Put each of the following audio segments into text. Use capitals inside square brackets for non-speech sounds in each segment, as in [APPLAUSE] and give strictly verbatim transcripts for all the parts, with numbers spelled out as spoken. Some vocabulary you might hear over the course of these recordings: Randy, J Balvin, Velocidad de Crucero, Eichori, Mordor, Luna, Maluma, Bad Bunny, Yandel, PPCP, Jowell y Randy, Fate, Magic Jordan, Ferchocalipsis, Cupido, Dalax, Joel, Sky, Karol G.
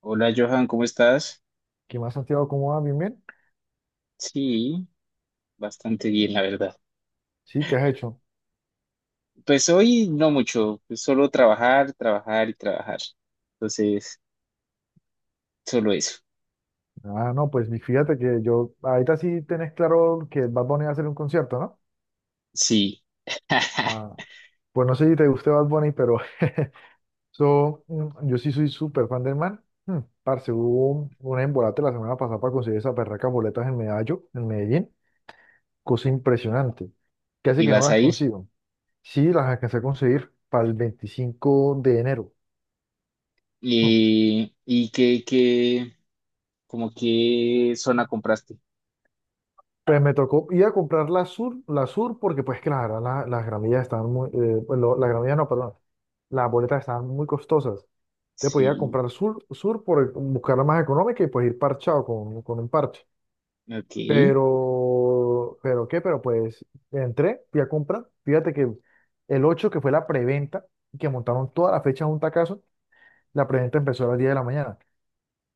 Hola Johan, ¿cómo estás? ¿Qué más, Santiago? ¿Cómo vas? ¿Bien, bien? Sí, bastante bien, la verdad. Sí, ¿qué has hecho? Pues hoy no mucho, pues solo trabajar, trabajar y trabajar. Entonces, solo eso. Ah, no, pues mi- fíjate que yo, ahorita sí tenés claro que Bad Bunny va a hacer un concierto, ¿no? Sí. Ah, [LAUGHS] pues no sé si te guste Bad Bunny, pero [LAUGHS] so, mm, yo sí soy súper fan del man. Mm, parce, hubo un, un embolate la semana pasada para conseguir esas berracas boletas en Medallo, en Medellín. Cosa impresionante. Casi ¿Y que no vas las a ir? consigo. Sí, las alcancé a conseguir para el veinticinco de enero. Hmm. ¿Y, y qué, qué, como qué zona compraste? Pues me tocó ir a comprar la Sur, la Sur porque pues claro, la- las gramillas estaban muy, eh, pues, lo- las gramillas no, perdón, las boletas estaban muy costosas. Te podía Sí, comprar Sur, Sur por buscarla más económica y pues ir parchado con, con un parche. ok. Pero, pero qué, pero pues entré, fui a comprar. Fíjate que el ocho, que fue la preventa, que montaron toda la fecha de un tacazo, la preventa empezó a las diez de la mañana.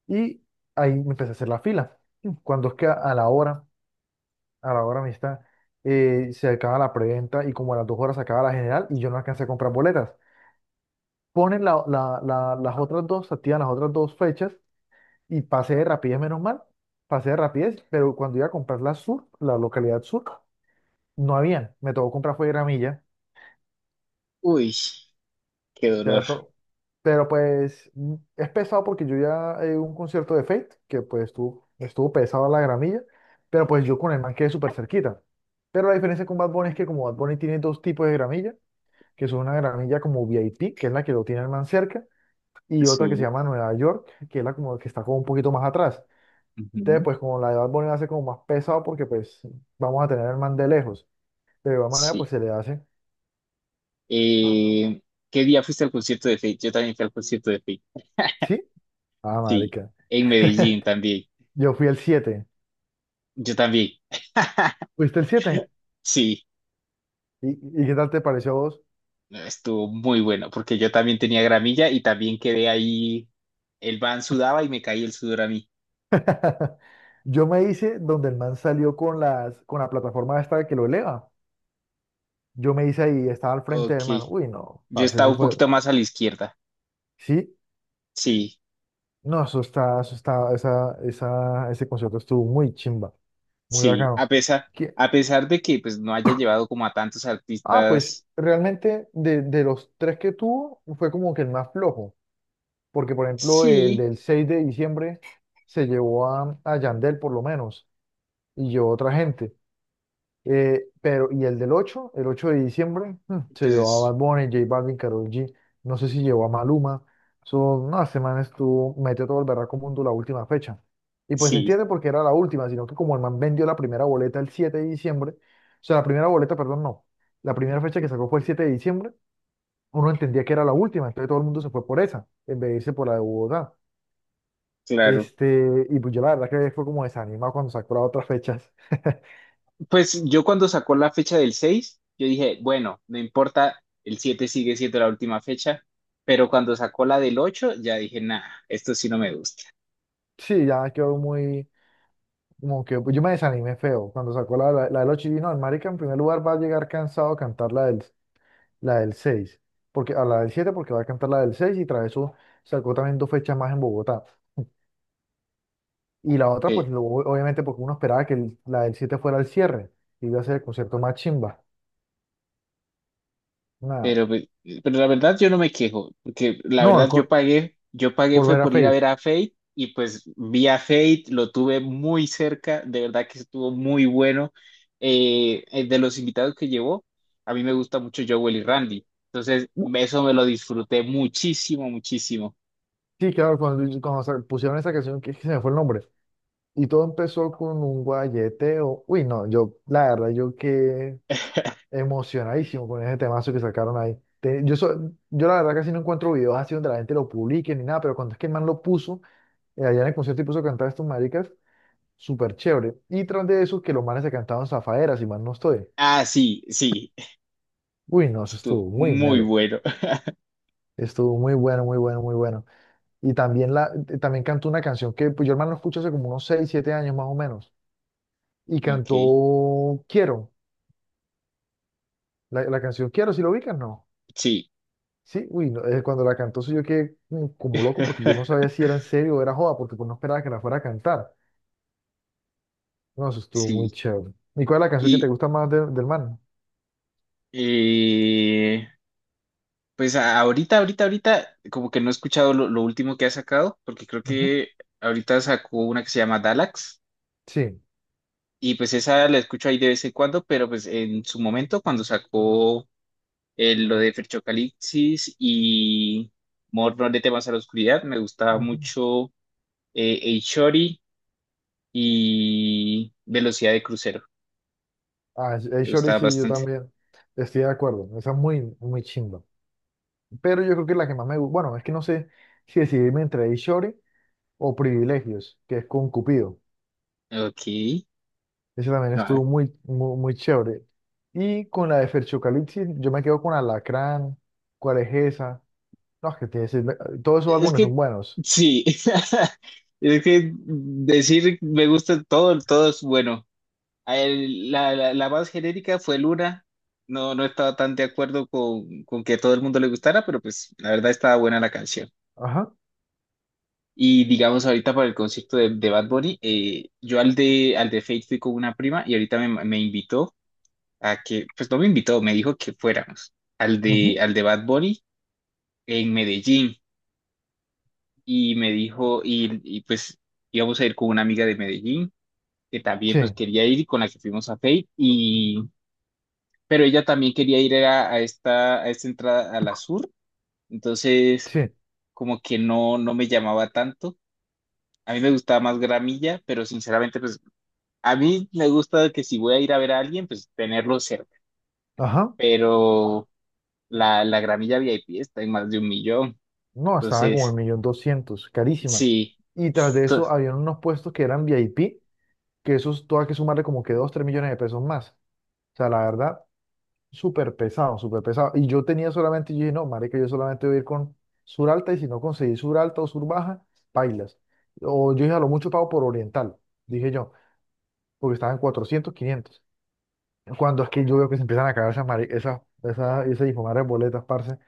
Y ahí me empecé a hacer la fila. Cuando es que a a la hora a la hora amistad, eh, se acaba la preventa y como a las dos horas se acaba la general y yo no alcancé a comprar boletas. Ponen la- la- la- las otras dos, se activan las otras dos fechas y pasé de rapidez, menos mal, pasé de rapidez, pero cuando iba a comprar la sur, la localidad sur, no habían, me tocó comprar fue gramilla, Uy, qué o sea, de dolor. todo. Pero pues mm, es pesado porque yo ya eh, un concierto de Fate, que pues estuvo, estuvo pesado la gramilla, pero pues yo con el man quedé súper cerquita. Pero la diferencia con Bad Bunny es que como Bad Bunny tiene dos tipos de gramilla, que son una gramilla como V I P, que es la que lo tiene el man cerca, y otra que se Sí. llama Nueva York, que es la como que está como un poquito más atrás. Entonces, Ujú, pues como la de Bad Bunny va a como más pesado porque pues vamos a tener al man de lejos. De igual manera, sí. pues se le hace. Eh, ¿Qué día fuiste al concierto de Fate? Yo también fui al concierto de Fate. ¿Sí? Ah, Sí, marica. en Medellín [LAUGHS] también. Yo fui el siete. Yo también. ¿Fuiste el siete? Sí, ¿Y, y qué tal te pareció a vos? estuvo muy bueno, porque yo también tenía gramilla y también quedé ahí, el van sudaba y me caí el sudor a mí. [LAUGHS] Yo me hice donde el man salió con las, con la plataforma esta que lo eleva. Yo me hice ahí, estaba al frente Ok, del man. Uy, no, yo parce, estaba eso un fue. poquito más a la izquierda. Sí. Sí, No, eso está, eso está, esa, esa, ese concierto estuvo muy chimba, muy sí, a bacano. pesar, Que, a pesar de que pues no haya llevado como a tantos ah, pues artistas, realmente de, de los tres que tuvo fue como que el más flojo, porque por ejemplo el sí, del seis de diciembre se llevó a, a Yandel por lo menos y yo otra gente. Eh, pero, y el del ocho, el ocho de diciembre, mm, se llevó a pues Bad Bunny, J Balvin, Karol G, no sé si llevó a Maluma, son, no, este man estuvo, metió todo el berraco mundo la última fecha. Y pues se sí, entiende porque era la última, sino que como el man vendió la primera boleta el siete de diciembre, o sea, la primera boleta, perdón, no, la primera fecha que sacó fue el siete de diciembre, uno entendía que era la última, entonces todo el mundo se fue por esa, en vez de irse por la de Bogotá. claro. Este, y pues yo la verdad que fue como desanimado cuando sacó las otras fechas. [LAUGHS] Pues yo cuando sacó la fecha del seis, yo dije, bueno, no importa, el siete sigue siendo la última fecha, pero cuando sacó la del ocho, ya dije, nah, esto sí no me gusta. Sí, ya quedó muy. Como que pues, yo me desanimé feo cuando sacó la, la, la de los chinos. No, el marica en primer lugar va a llegar cansado a cantar la del, la del seis porque, a la del siete porque va a cantar la del seis y tras eso sacó también dos fechas más en Bogotá. Y la otra, pues lo- obviamente porque uno esperaba que el- la del siete fuera el cierre y iba a ser el concierto más chimba. Nada. Pero, pe- pero la verdad yo no me quejo, porque la No, el verdad yo con- pagué, yo pagué fue volver a por ir a Faith. ver a Fate y pues vi a Fate, lo tuve muy cerca, de verdad que estuvo muy bueno. Eh, eh, de los invitados que llevó, a mí me gusta mucho Joel y Randy, entonces Uh, eso me lo disfruté muchísimo, muchísimo. Sí, claro, cuando, cuando se pusieron esa canción, que, que se me fue el nombre. Y todo empezó con un guayeteo. Uy, no, yo, la verdad, yo qué [LAUGHS] emocionadísimo con ese temazo que sacaron ahí. Te- yo, so- yo la verdad casi no encuentro videos así donde la gente lo publique ni nada, pero cuando es que el man lo puso, eh, allá en el concierto y puso a cantar a estos maricas, súper chévere. Y tras de eso, que los manes se cantaban zafaderas, y mal no estoy. Ah, sí, sí, Uy, no, eso estuvo estuvo muy muy melo. bueno. [LAUGHS] Estuvo muy bueno, muy bueno, muy bueno. Y también, la, eh, también cantó una canción que pues, yo el man lo escucho hace como unos seis siete años más o menos. Y Ok, cantó Quiero, la, la canción Quiero, si lo ubicas, no. sí, Sí, uy, no, eh, cuando la cantó sí yo quedé mm, como loco porque yo no sabía [LAUGHS] si era en serio o era joda, porque pues no esperaba que la fuera a cantar. No, eso estuvo muy sí. chévere. ¿Y cuál es la canción que te Y, gusta más de- del man? eh, Pues a- ahorita, ahorita, ahorita, como que no he escuchado lo, lo último que ha sacado, porque creo Ujú. que ahorita sacó una que se llama Dalax, Sí. y pues esa la escucho ahí de vez en cuando, pero pues en su momento, cuando sacó el- lo de Ferchocalipsis y Mordor de temas a la oscuridad, me gustaba Ujú. mucho eh, Eichori y Velocidad de Crucero, Ah, el me Shorty gustaba sí, yo bastante. también estoy de acuerdo. Esa es muy, muy chimba. Pero yo creo que la que más me gusta, bueno, es que no sé si decidirme entre el Shorty o Privilegios, que es con Cupido. Ok, Ese también no, estuvo muy, muy, muy chévere. Y con la de Ferchocalipsis, yo me quedo con Alacrán. ¿Cuál es esa? No, es que tiene, sí, me- todos esos Es álbumes son que buenos. sí, [LAUGHS] es que decir me gusta todo, todo es bueno. A él, la, la, la más genérica fue Luna. No, no estaba tan de acuerdo con, con que a todo el mundo le gustara, pero pues la verdad estaba buena la canción. Ajá. Y digamos ahorita para el concierto de, de Bad Bunny, eh, yo al de, al de Fate fui con una prima y ahorita me, me invitó a que, pues no me invitó, me dijo que fuéramos al de, Ujú. al de Bad Bunny en Medellín. Y me dijo, y, y, pues íbamos a ir con una amiga de Medellín, que también Sí, pues quería ir y con la que fuimos a Fate, y, pero ella también quería ir a, a esta, a esta entrada a la sur, entonces sí. como que no, no me llamaba tanto. A mí me gustaba más Gramilla, pero sinceramente pues a mí me gusta que si voy a ir a ver a alguien, pues tenerlo cerca, Ajá. pero la, la Gramilla V I P está en más de un millón, No, estaban como el entonces millón doscientos, carísimas. sí, Y tras de to- eso habían unos puestos que eran V I P, que esos todo hay que sumarle como que dos, tres millones de pesos más. O sea, la verdad, súper pesado, súper pesado. Y yo tenía solamente, yo dije, no, marica, yo solamente voy a ir con sur alta y si no conseguí sur alta o sur baja, bailas. O yo dije, a lo mucho pago por oriental, dije yo, porque estaban cuatrocientos, quinientos. Cuando es que yo veo que se empiezan a caer esas, mari- esas, esas, esas hijuemadre boletas, parce.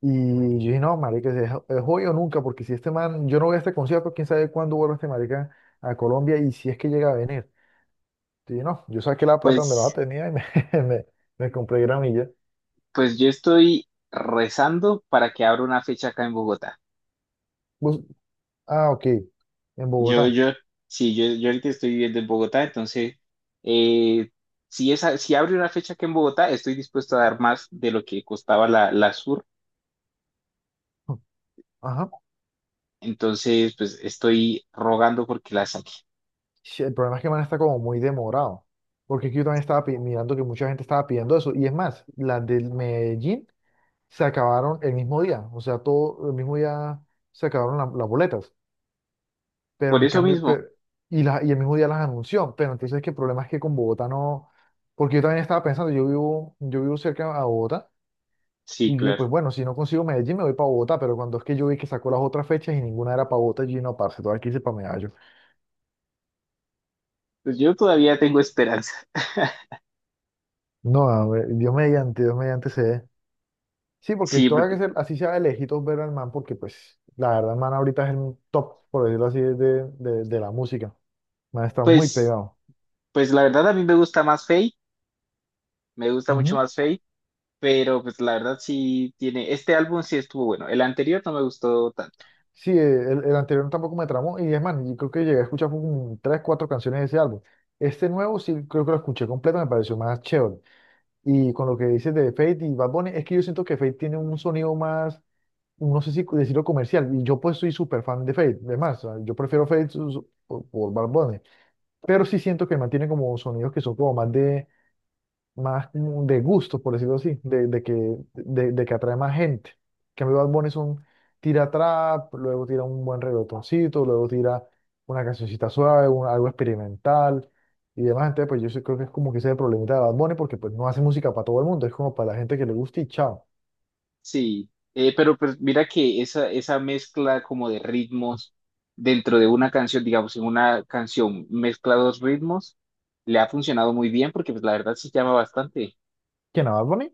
Y yo dije, no, marica, es, es hoy o nunca, porque si este man, yo no voy a este concierto, quién sabe cuándo vuelve este marica a Colombia y si es que llega a venir. Y dije, no, yo saqué la plata donde la pues... tenía y me, [LAUGHS] me, me compré gramilla. Pues yo estoy rezando para que abra una fecha acá en Bogotá. Bus- ah, ok, en Yo, Bogotá. yo, sí, yo, yo ahorita estoy viviendo en Bogotá, entonces, eh, si esa, si abre una fecha acá en Bogotá, estoy dispuesto a dar más de lo que costaba la, la Sur. Ajá. Entonces, pues estoy rogando porque la saque. Sí, el problema es que man está como muy demorado, porque es que yo también estaba pi- mirando que mucha gente estaba pidiendo eso. Y es más, las del Medellín se acabaron el mismo día, o sea, todo el mismo día se acabaron la- las boletas, pero Por en eso cambio, mismo, pe- y, la- y el mismo día las anunció, pero entonces que el problema es que con Bogotá no, porque yo también estaba pensando, yo vivo, yo vivo cerca a Bogotá, y sí, yo dije, claro. pues bueno, si no consigo Medellín me voy para Bogotá, pero cuando es que yo vi que sacó las otras fechas y ninguna era para Bogotá, yo dije, no, parce, todo aquí hice para Medallo. Pues yo todavía tengo esperanza. [LAUGHS] No, a ver, Dios mediante, Dios mediante se dé. Sí, porque Sí, todo hay porque, que ser, así sea de lejitos ver al man, porque pues la verdad el man ahorita es el top, por decirlo así, de, de de la música. Me ha estado muy pues, pegado. pues la verdad a mí me gusta más Fate, me gusta mucho Ujú. más Fate. Pero pues la verdad sí tiene, este álbum sí estuvo bueno, el anterior no me gustó tanto, Sí, eh, el, el anterior tampoco me tramó. Y es más, yo creo que llegué a escuchar como tres, cuatro canciones de ese álbum. Este nuevo sí creo que lo escuché completo, me pareció más chévere. Y con lo que dices de Fate y Bad Bunny, es que yo siento que Fate tiene un sonido más, no sé si decirlo comercial. Y yo pues soy súper fan de Fate. Además, o sea, yo prefiero Fate su- su- por, por Bad Bunny. Pero sí siento que mantiene como sonidos que son como más de, más como de gusto, por decirlo así, de, de que, de, de que atrae más gente. Que cambio, Bad Bunny es un tira trap, luego tira un buen reggaetoncito, luego tira una cancioncita suave, un- algo experimental y demás. Entonces, pues yo sí creo que es como que ese es el problemita de Bad Bunny, porque pues no hace música para todo el mundo, es como para la gente que le gusta y chao. sí, Eh, pero pues mira que esa, esa mezcla como de ritmos dentro de una canción, digamos, en una canción mezcla dos ritmos, le ha funcionado muy bien porque pues la verdad sí llama bastante, ¿Quién a Bad Bunny?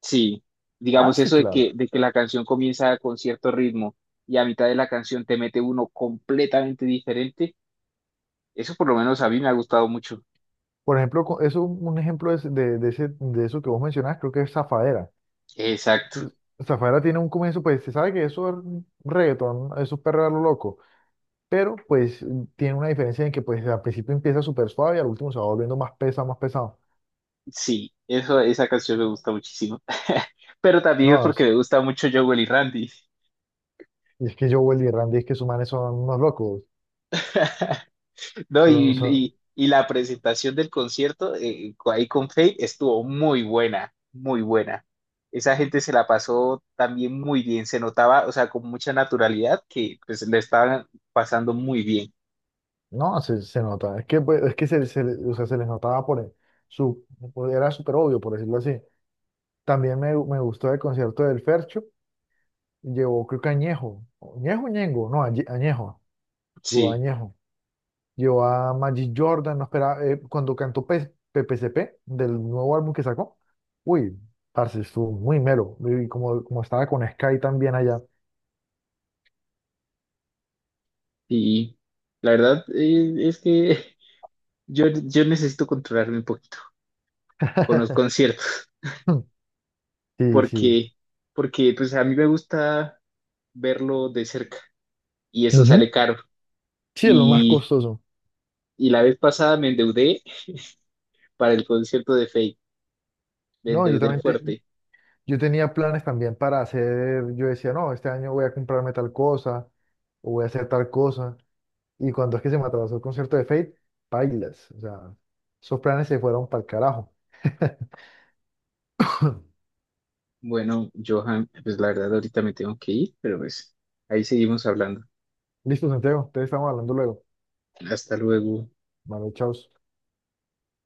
sí, Ah, digamos sí, eso de que, claro. de que la canción comienza con cierto ritmo y a mitad de la canción te mete uno completamente diferente, eso por lo menos a mí me ha gustado mucho. Por ejemplo, co- eso, un ejemplo es de, de, ese, de eso que vos mencionás, creo que es Zafaera. Exacto. Es- Zafaera tiene un comienzo, pues se sabe que eso es reggaetón, eso es perreo a lo loco, pero pues tiene una diferencia en que pues al principio empieza súper suave y al último se va volviendo más pesado, más pesado. Sí, eso, esa canción me gusta muchísimo. [LAUGHS] Pero también No, es porque es, me gusta mucho Jowell y Randy. es que Joel y Randy es que sus manes son unos locos. [LAUGHS] No, y, Son, son, y- y la presentación del concierto eh, ahí con Fate estuvo muy buena, muy buena. Esa gente se la pasó también muy bien, se notaba, o sea, con mucha naturalidad que pues le estaban pasando muy bien. no, se, se nota. Es que, pues, es que se, se, le- o sea, se les notaba por el- su, por- era súper obvio, por decirlo así. También me, me gustó el concierto del Fercho. Llevó, creo que Añejo. ¿Añejo, Ñengo? No, Añe- Añejo. Llevó Sí, Añejo. Llevó a Magic Jordan, no esperaba, eh, cuando cantó P- PPCP del nuevo álbum que sacó. Uy, parce, estuvo muy mero. Y como, como estaba con Sky también allá. y la verdad eh, es que [LAUGHS] yo, yo necesito controlarme un poquito con los [LAUGHS] conciertos, Sí, sí. porque, porque pues a mí me gusta. verlo de cerca y eso Ujú. sale caro. Sí, es lo más Y, costoso. y la vez pasada me endeudé para el concierto de Faye, me No, yo endeudé también te- fuerte. yo tenía planes también para hacer, yo decía, no, este año voy a comprarme tal cosa, o voy a hacer tal cosa. Y cuando es que se me atrasó el concierto de Fate, bailas. O sea, esos planes se fueron para el carajo. [LAUGHS] Bueno, Johan, pues la verdad ahorita me tengo que ir, pero pues ahí seguimos hablando. Listo, Santiago, te estamos hablando luego. Hasta luego. Vale, chao.